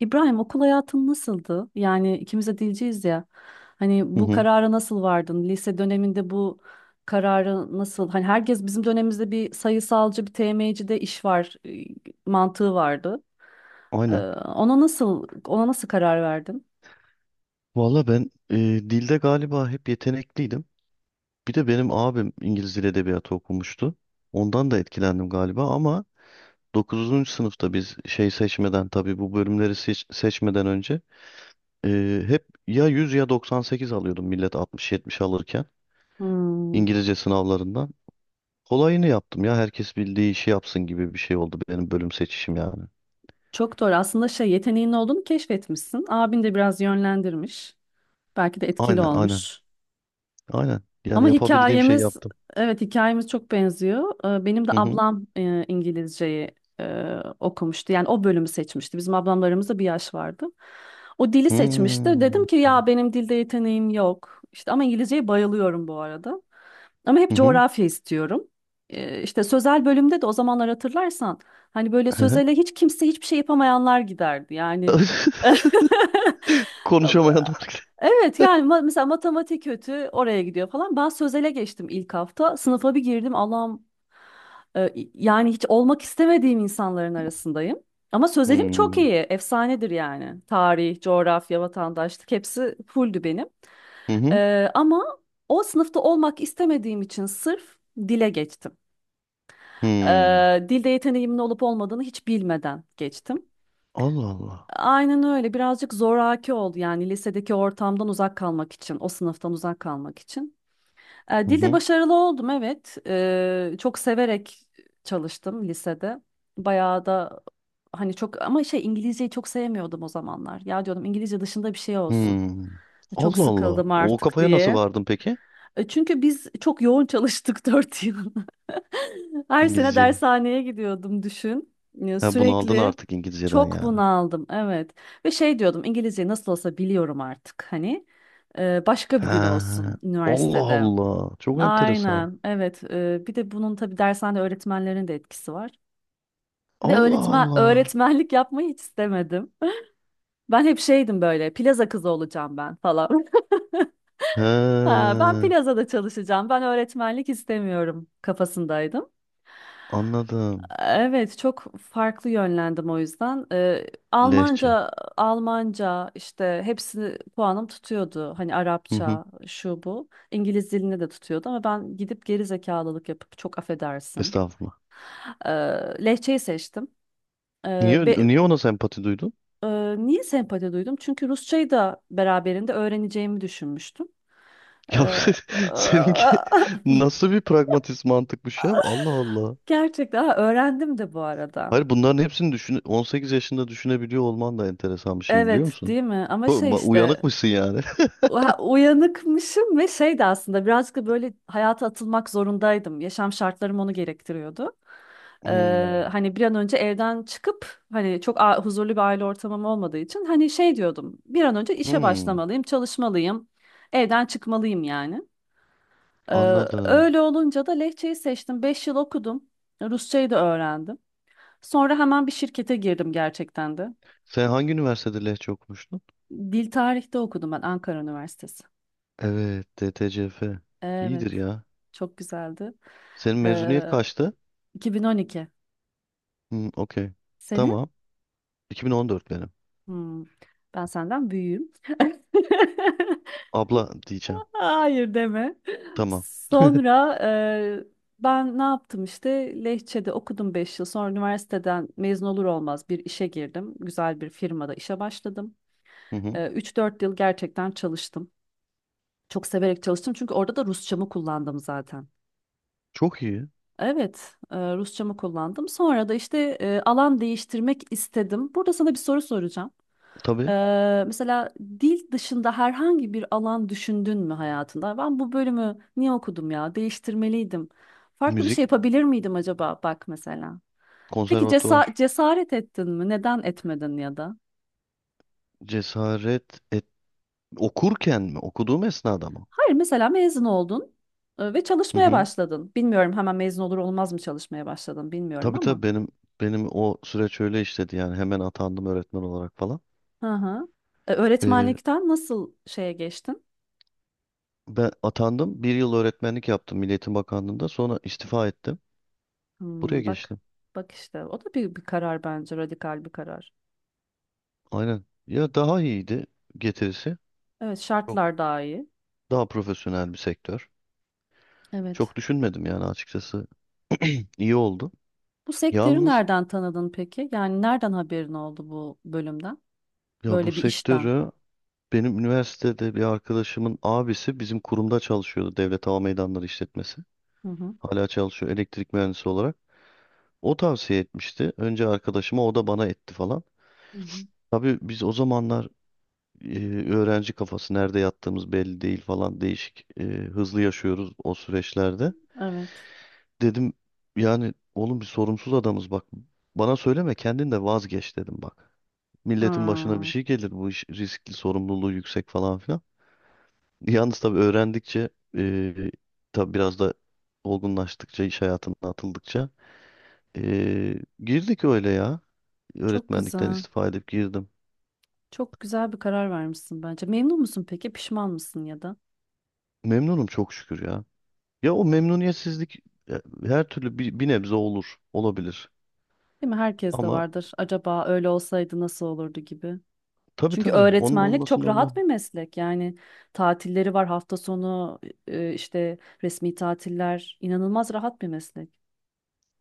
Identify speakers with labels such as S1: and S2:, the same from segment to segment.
S1: İbrahim okul hayatın nasıldı? Yani ikimiz de dilciyiz ya. Hani
S2: Hı
S1: bu
S2: hı,
S1: karara nasıl vardın? Lise döneminde bu kararı nasıl? Hani herkes bizim dönemimizde bir sayısalcı, bir TM'ci de iş var mantığı vardı. Ee,
S2: aynen.
S1: ona nasıl karar verdin?
S2: Valla ben dilde galiba hep yetenekliydim. Bir de benim abim İngiliz Dil Edebiyatı okumuştu. Ondan da etkilendim galiba ama 9. sınıfta biz şey seçmeden tabii bu bölümleri seçmeden önce hep ya 100 ya 98 alıyordum millet 60-70 alırken
S1: Hmm,
S2: İngilizce sınavlarından. Kolayını yaptım ya herkes bildiği işi yapsın gibi bir şey oldu benim bölüm seçişim yani.
S1: Çok doğru. Aslında şey yeteneğin olduğunu keşfetmişsin. Abin de biraz yönlendirmiş. Belki de etkili
S2: Aynen aynen
S1: olmuş.
S2: aynen yani
S1: Ama
S2: yapabildiğim şeyi
S1: hikayemiz
S2: yaptım.
S1: evet hikayemiz çok benziyor. Benim de
S2: Hı hı.
S1: ablam İngilizceyi okumuştu. Yani o bölümü seçmişti. Bizim ablamlarımızda bir yaş vardı. O dili seçmişti. Dedim
S2: Hmm.
S1: ki ya benim dilde yeteneğim yok. İşte ama İngilizceye bayılıyorum bu arada. Ama hep
S2: Hı hı.
S1: coğrafya istiyorum. İşte sözel bölümde de o zamanlar hatırlarsan hani böyle sözele hiç kimse hiçbir şey yapamayanlar giderdi. Yani
S2: Konuşamayanlar.
S1: Evet yani mesela matematik kötü oraya gidiyor falan. Ben sözele geçtim ilk hafta. Sınıfa bir girdim Allah'ım, yani hiç olmak istemediğim insanların arasındayım. Ama sözelim çok
S2: Hmm.
S1: iyi. Efsanedir yani. Tarih, coğrafya, vatandaşlık hepsi fulldü benim.
S2: Hı hı.
S1: Ama o sınıfta olmak istemediğim için sırf dile geçtim.
S2: Hmm.
S1: E, Dilde yeteneğimin olup olmadığını hiç bilmeden geçtim.
S2: Allah Allah.
S1: Aynen öyle. Birazcık zoraki oldu yani lisedeki ortamdan uzak kalmak için, o sınıftan uzak kalmak için.
S2: Hı
S1: Dilde
S2: hı.
S1: başarılı oldum, evet. Çok severek çalıştım lisede. Bayağı da hani çok ama şey İngilizceyi çok sevmiyordum o zamanlar. Ya diyordum İngilizce dışında bir şey olsun.
S2: Hmm.
S1: Çok
S2: Allah Allah.
S1: sıkıldım
S2: O
S1: artık
S2: kafaya nasıl
S1: diye.
S2: vardın peki?
S1: Çünkü biz çok yoğun çalıştık 4 yıl. Her sene
S2: İngilizceyi.
S1: dershaneye gidiyordum, düşün. Ya,
S2: Ha, bunu aldın
S1: sürekli
S2: artık İngilizceden
S1: çok
S2: yani.
S1: bunaldım, evet. Ve şey diyordum, İngilizceyi nasıl olsa biliyorum artık hani. Başka bir dil
S2: Ha.
S1: olsun
S2: Allah
S1: üniversitede.
S2: Allah. Çok enteresan.
S1: Aynen, evet. Bir de bunun tabii dershane öğretmenlerin de etkisi var. Ve
S2: Allah
S1: öğretmen
S2: Allah.
S1: öğretmenlik yapmayı hiç istemedim. Ben hep şeydim, böyle plaza kızı olacağım ben falan.
S2: He.
S1: Ha, ben plazada çalışacağım. Ben öğretmenlik istemiyorum kafasındaydım.
S2: Anladım.
S1: Evet, çok farklı yönlendim o yüzden.
S2: Lehçe.
S1: Almanca, Almanca işte hepsini puanım tutuyordu. Hani
S2: Hı hı.
S1: Arapça, şu bu. İngiliz dilini de tutuyordu ama ben gidip geri zekalılık yapıp, çok affedersin,
S2: Estağfurullah.
S1: Ee, Lehçeyi seçtim. Ee,
S2: Niye,
S1: be-
S2: niye ona sempati duydun?
S1: e, Niye sempati duydum? Çünkü Rusçayı da beraberinde öğreneceğimi düşünmüştüm.
S2: Ya
S1: Ee,
S2: seninki nasıl bir pragmatist mantıkmış ya? Allah Allah.
S1: Gerçekten ha, öğrendim de bu arada.
S2: Hayır, bunların hepsini düşün, 18 yaşında düşünebiliyor olman da enteresan bir şey, biliyor
S1: Evet,
S2: musun?
S1: değil mi? Ama şey işte
S2: Uyanıkmışsın yani.
S1: ha, uyanıkmışım ve şey de aslında birazcık da böyle hayata atılmak zorundaydım. Yaşam şartlarım onu gerektiriyordu.
S2: Hmm,
S1: Hani bir an önce evden çıkıp, hani çok huzurlu bir aile ortamım olmadığı için, hani şey diyordum, bir an önce işe
S2: hmm,
S1: başlamalıyım, çalışmalıyım. Evden çıkmalıyım yani. Ee,
S2: anladım.
S1: Öyle olunca da Lehçeyi seçtim. 5 yıl okudum. Rusçayı da öğrendim. Sonra hemen bir şirkete girdim gerçekten de.
S2: Sen hangi üniversitede Lehçe okumuştun?
S1: Dil tarihte okudum ben, Ankara Üniversitesi.
S2: Evet, DTCF.
S1: Evet.
S2: İyidir ya.
S1: Çok güzeldi.
S2: Senin mezuniyet
S1: Ee,
S2: kaçtı?
S1: 2012.
S2: Hmm, okey.
S1: Senin?
S2: Tamam. 2014 benim.
S1: Hmm, Ben senden büyüğüm.
S2: Abla diyeceğim.
S1: Hayır, deme.
S2: Tamam.
S1: Sonra ben ne yaptım işte, Lehçe'de okudum 5 yıl. Sonra üniversiteden mezun olur olmaz bir işe girdim. Güzel bir firmada işe başladım.
S2: Hı hı.
S1: 3-4 yıl gerçekten çalıştım. Çok severek çalıştım çünkü orada da Rusçamı kullandım zaten.
S2: Çok iyi.
S1: Evet, Rusçamı kullandım. Sonra da işte alan değiştirmek istedim. Burada sana bir soru soracağım. E,
S2: Tabii.
S1: mesela dil dışında herhangi bir alan düşündün mü hayatında? Ben bu bölümü niye okudum ya? Değiştirmeliydim. Farklı bir şey
S2: Müzik,
S1: yapabilir miydim acaba? Bak mesela. Peki
S2: konservatuvar.
S1: cesaret ettin mi? Neden etmedin ya da?
S2: Cesaret et. Okurken mi? Okuduğum esnada mı?
S1: Hayır, mesela mezun oldun ve
S2: Hı
S1: çalışmaya
S2: hı.
S1: başladın. Bilmiyorum hemen mezun olur olmaz mı çalışmaya başladın bilmiyorum
S2: Tabii
S1: ama.
S2: tabii, benim o süreç öyle işledi yani, hemen atandım öğretmen olarak falan.
S1: Hı hı.
S2: Ee,
S1: Öğretmenlikten nasıl şeye geçtin?
S2: Ben atandım, bir yıl öğretmenlik yaptım Milli Eğitim Bakanlığı'nda, sonra istifa ettim. Buraya
S1: Hmm, bak
S2: geçtim.
S1: bak işte, o da bir karar, bence radikal bir karar.
S2: Aynen. Ya daha iyiydi getirisi.
S1: Evet,
S2: Çok
S1: şartlar daha iyi.
S2: daha profesyonel bir sektör.
S1: Evet.
S2: Çok düşünmedim yani açıkçası. İyi oldu.
S1: Bu sektörü
S2: Yalnız
S1: nereden tanıdın peki? Yani nereden haberin oldu bu bölümden?
S2: ya, bu
S1: Böyle bir işten.
S2: sektörü benim üniversitede bir arkadaşımın abisi bizim kurumda çalışıyordu, Devlet Hava Meydanları İşletmesi.
S1: Hı hı.
S2: Hala çalışıyor, elektrik mühendisi olarak. O tavsiye etmişti. Önce arkadaşıma, o da bana etti falan.
S1: Hı hı.
S2: Tabii biz o zamanlar e, öğrenci kafası, nerede yattığımız belli değil falan, değişik hızlı yaşıyoruz o süreçlerde.
S1: Evet.
S2: Dedim yani oğlum, bir sorumsuz adamız bak, bana söyleme, kendin de vazgeç dedim bak. Milletin başına bir
S1: Hmm,
S2: şey gelir, bu iş riskli, sorumluluğu yüksek falan filan. Yalnız tabii öğrendikçe, e, tabii biraz da olgunlaştıkça, iş hayatına atıldıkça, Ee, girdik öyle ya.
S1: Çok
S2: Öğretmenlikten
S1: güzel.
S2: istifa edip girdim.
S1: Çok güzel bir karar vermişsin bence. Memnun musun peki? Pişman mısın ya da?
S2: Memnunum çok şükür ya. Ya o memnuniyetsizlik, e, her türlü bir nebze olur, olabilir.
S1: Değil mi? Herkes de
S2: Ama
S1: vardır. Acaba öyle olsaydı nasıl olurdu gibi.
S2: tabii
S1: Çünkü
S2: tabii, onun
S1: öğretmenlik
S2: olması
S1: çok
S2: normal.
S1: rahat bir meslek. Yani tatilleri var, hafta sonu işte resmi tatiller, inanılmaz rahat bir meslek.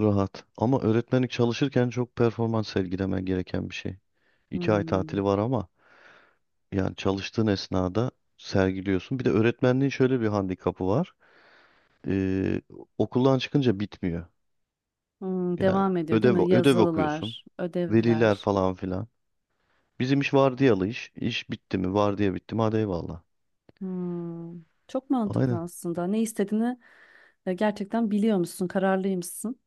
S2: Rahat. Ama öğretmenlik, çalışırken çok performans sergilemen gereken bir şey. 2 ay
S1: Hmm.
S2: tatili var ama, yani çalıştığın esnada sergiliyorsun. Bir de öğretmenliğin şöyle bir handikapı var. Ee, Okuldan çıkınca bitmiyor. Yani
S1: Devam ediyor değil
S2: ödev
S1: mi?
S2: ödev okuyorsun.
S1: Yazılılar,
S2: Veliler
S1: ödevler.
S2: falan filan. Bizim iş vardiyalı iş. İş bitti mi? Vardiya bitti mi? Hadi eyvallah.
S1: Hmm. Çok mantıklı
S2: Aynen.
S1: aslında. Ne istediğini gerçekten biliyormuşsun, kararlıymışsın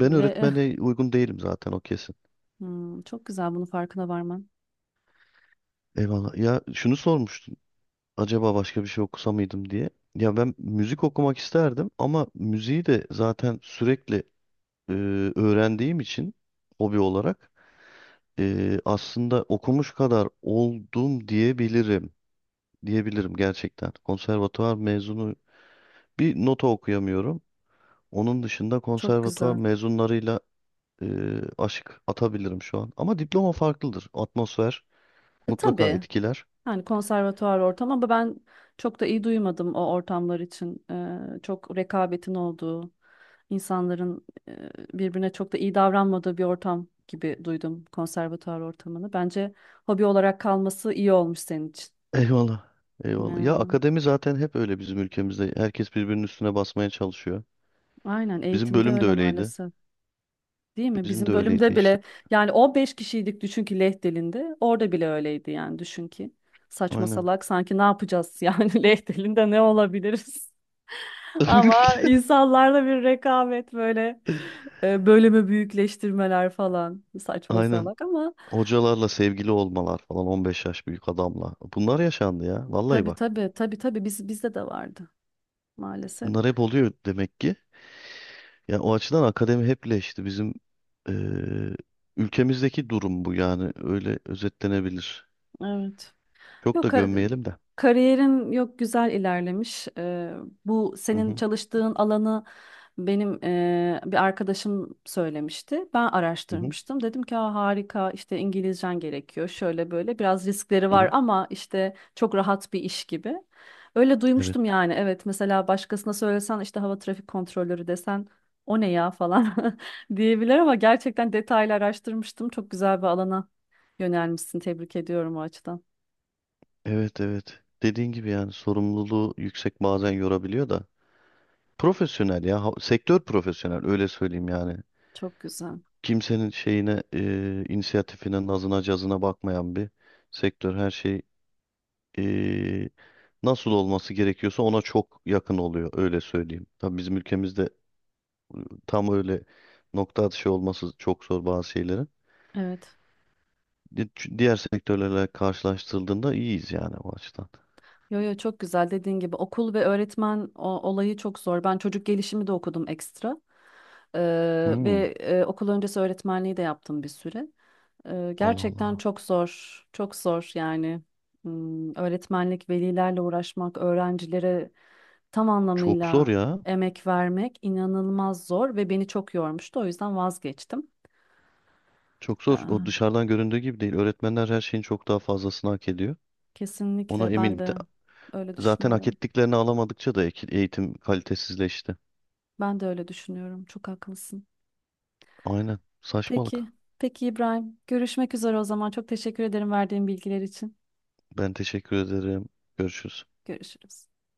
S2: Ben
S1: ve
S2: öğretmene uygun değilim zaten, o kesin.
S1: Çok güzel bunu farkına varman.
S2: Eyvallah. Ya şunu sormuştun. Acaba başka bir şey okusa mıydım diye. Ya ben müzik okumak isterdim ama müziği de zaten sürekli e, öğrendiğim için, hobi olarak, aslında okumuş kadar oldum diyebilirim. Diyebilirim gerçekten. Konservatuvar mezunu bir nota okuyamıyorum. Onun dışında
S1: Çok
S2: konservatuvar
S1: güzel.
S2: mezunlarıyla e, aşık atabilirim şu an. Ama diploma farklıdır. Atmosfer mutlaka
S1: Tabii.
S2: etkiler.
S1: Yani konservatuvar ortam ama ben çok da iyi duymadım o ortamlar için. Çok rekabetin olduğu, insanların birbirine çok da iyi davranmadığı bir ortam gibi duydum konservatuvar ortamını. Bence hobi olarak kalması iyi olmuş senin için.
S2: Eyvallah. Eyvallah. Ya
S1: Yani,
S2: akademi zaten hep öyle bizim ülkemizde. Herkes birbirinin üstüne basmaya çalışıyor.
S1: aynen,
S2: Bizim
S1: eğitimde
S2: bölüm de
S1: öyle
S2: öyleydi.
S1: maalesef. Değil mi?
S2: Bizim
S1: Bizim
S2: de öyleydi
S1: bölümde
S2: işte.
S1: bile yani 15 kişiydik, düşün ki Leh dilinde. Orada bile öyleydi yani, düşün ki. Saçma
S2: Aynen.
S1: salak, sanki ne yapacağız yani, Leh dilinde ne olabiliriz? Ama insanlarda bir rekabet, böyle bölümü büyükleştirmeler falan, saçma
S2: Aynen.
S1: salak ama
S2: Hocalarla sevgili olmalar falan, 15 yaş büyük adamla. Bunlar yaşandı ya. Vallahi
S1: tabii,
S2: bak.
S1: tabii, tabii, tabii, bizde de vardı maalesef.
S2: Bunlar hep oluyor demek ki. Ya o açıdan akademi hep leşti. Bizim eee, ülkemizdeki durum bu, yani öyle özetlenebilir.
S1: Evet.
S2: Çok da
S1: Yok
S2: gömmeyelim de.
S1: kariyerim, yok güzel ilerlemiş. Bu
S2: Hı
S1: senin
S2: hı,
S1: çalıştığın alanı benim bir arkadaşım söylemişti. Ben
S2: hı hı,
S1: araştırmıştım. Dedim ki, "Aa, harika işte, İngilizcen gerekiyor. Şöyle böyle biraz riskleri
S2: hı
S1: var
S2: hı.
S1: ama işte çok rahat bir iş gibi." Öyle
S2: Evet,
S1: duymuştum yani. Evet, mesela başkasına söylesen işte hava trafik kontrolörü desen, o ne ya falan diyebilir ama gerçekten detaylı araştırmıştım. Çok güzel bir alana yönelmişsin. Tebrik ediyorum o açıdan.
S2: evet, evet. Dediğin gibi, yani sorumluluğu yüksek, bazen yorabiliyor da. Profesyonel ya, sektör profesyonel, öyle söyleyeyim yani.
S1: Çok güzel.
S2: Kimsenin şeyine, inisiyatifine, nazına, cazına bakmayan bir sektör. Her şey, e, nasıl olması gerekiyorsa ona çok yakın oluyor, öyle söyleyeyim. Tabii bizim ülkemizde tam öyle nokta atışı olması çok zor bazı şeylerin.
S1: Evet.
S2: Di- Diğer sektörlerle karşılaştırıldığında iyiyiz yani o açıdan.
S1: Yo, yo, çok güzel, dediğin gibi okul ve öğretmen olayı çok zor. Ben çocuk gelişimi de okudum ekstra.
S2: Hmm.
S1: Ve okul öncesi öğretmenliği de yaptım bir süre.
S2: Allah
S1: Gerçekten
S2: Allah.
S1: çok zor. Çok zor yani. Öğretmenlik, velilerle uğraşmak, öğrencilere tam
S2: Çok zor
S1: anlamıyla
S2: ya.
S1: emek vermek inanılmaz zor ve beni çok yormuştu. O yüzden vazgeçtim.
S2: Çok zor. O
S1: Ee,
S2: dışarıdan göründüğü gibi değil. Öğretmenler her şeyin çok daha fazlasını hak ediyor. Ona
S1: Kesinlikle ben
S2: eminim.
S1: de öyle
S2: Zaten hak
S1: düşünüyorum.
S2: ettiklerini alamadıkça da eğitim kalitesizleşti.
S1: Ben de öyle düşünüyorum. Çok haklısın.
S2: Aynen. Saçmalık.
S1: Peki. Peki İbrahim. Görüşmek üzere o zaman. Çok teşekkür ederim verdiğin bilgiler için.
S2: Ben teşekkür ederim. Görüşürüz.
S1: Görüşürüz.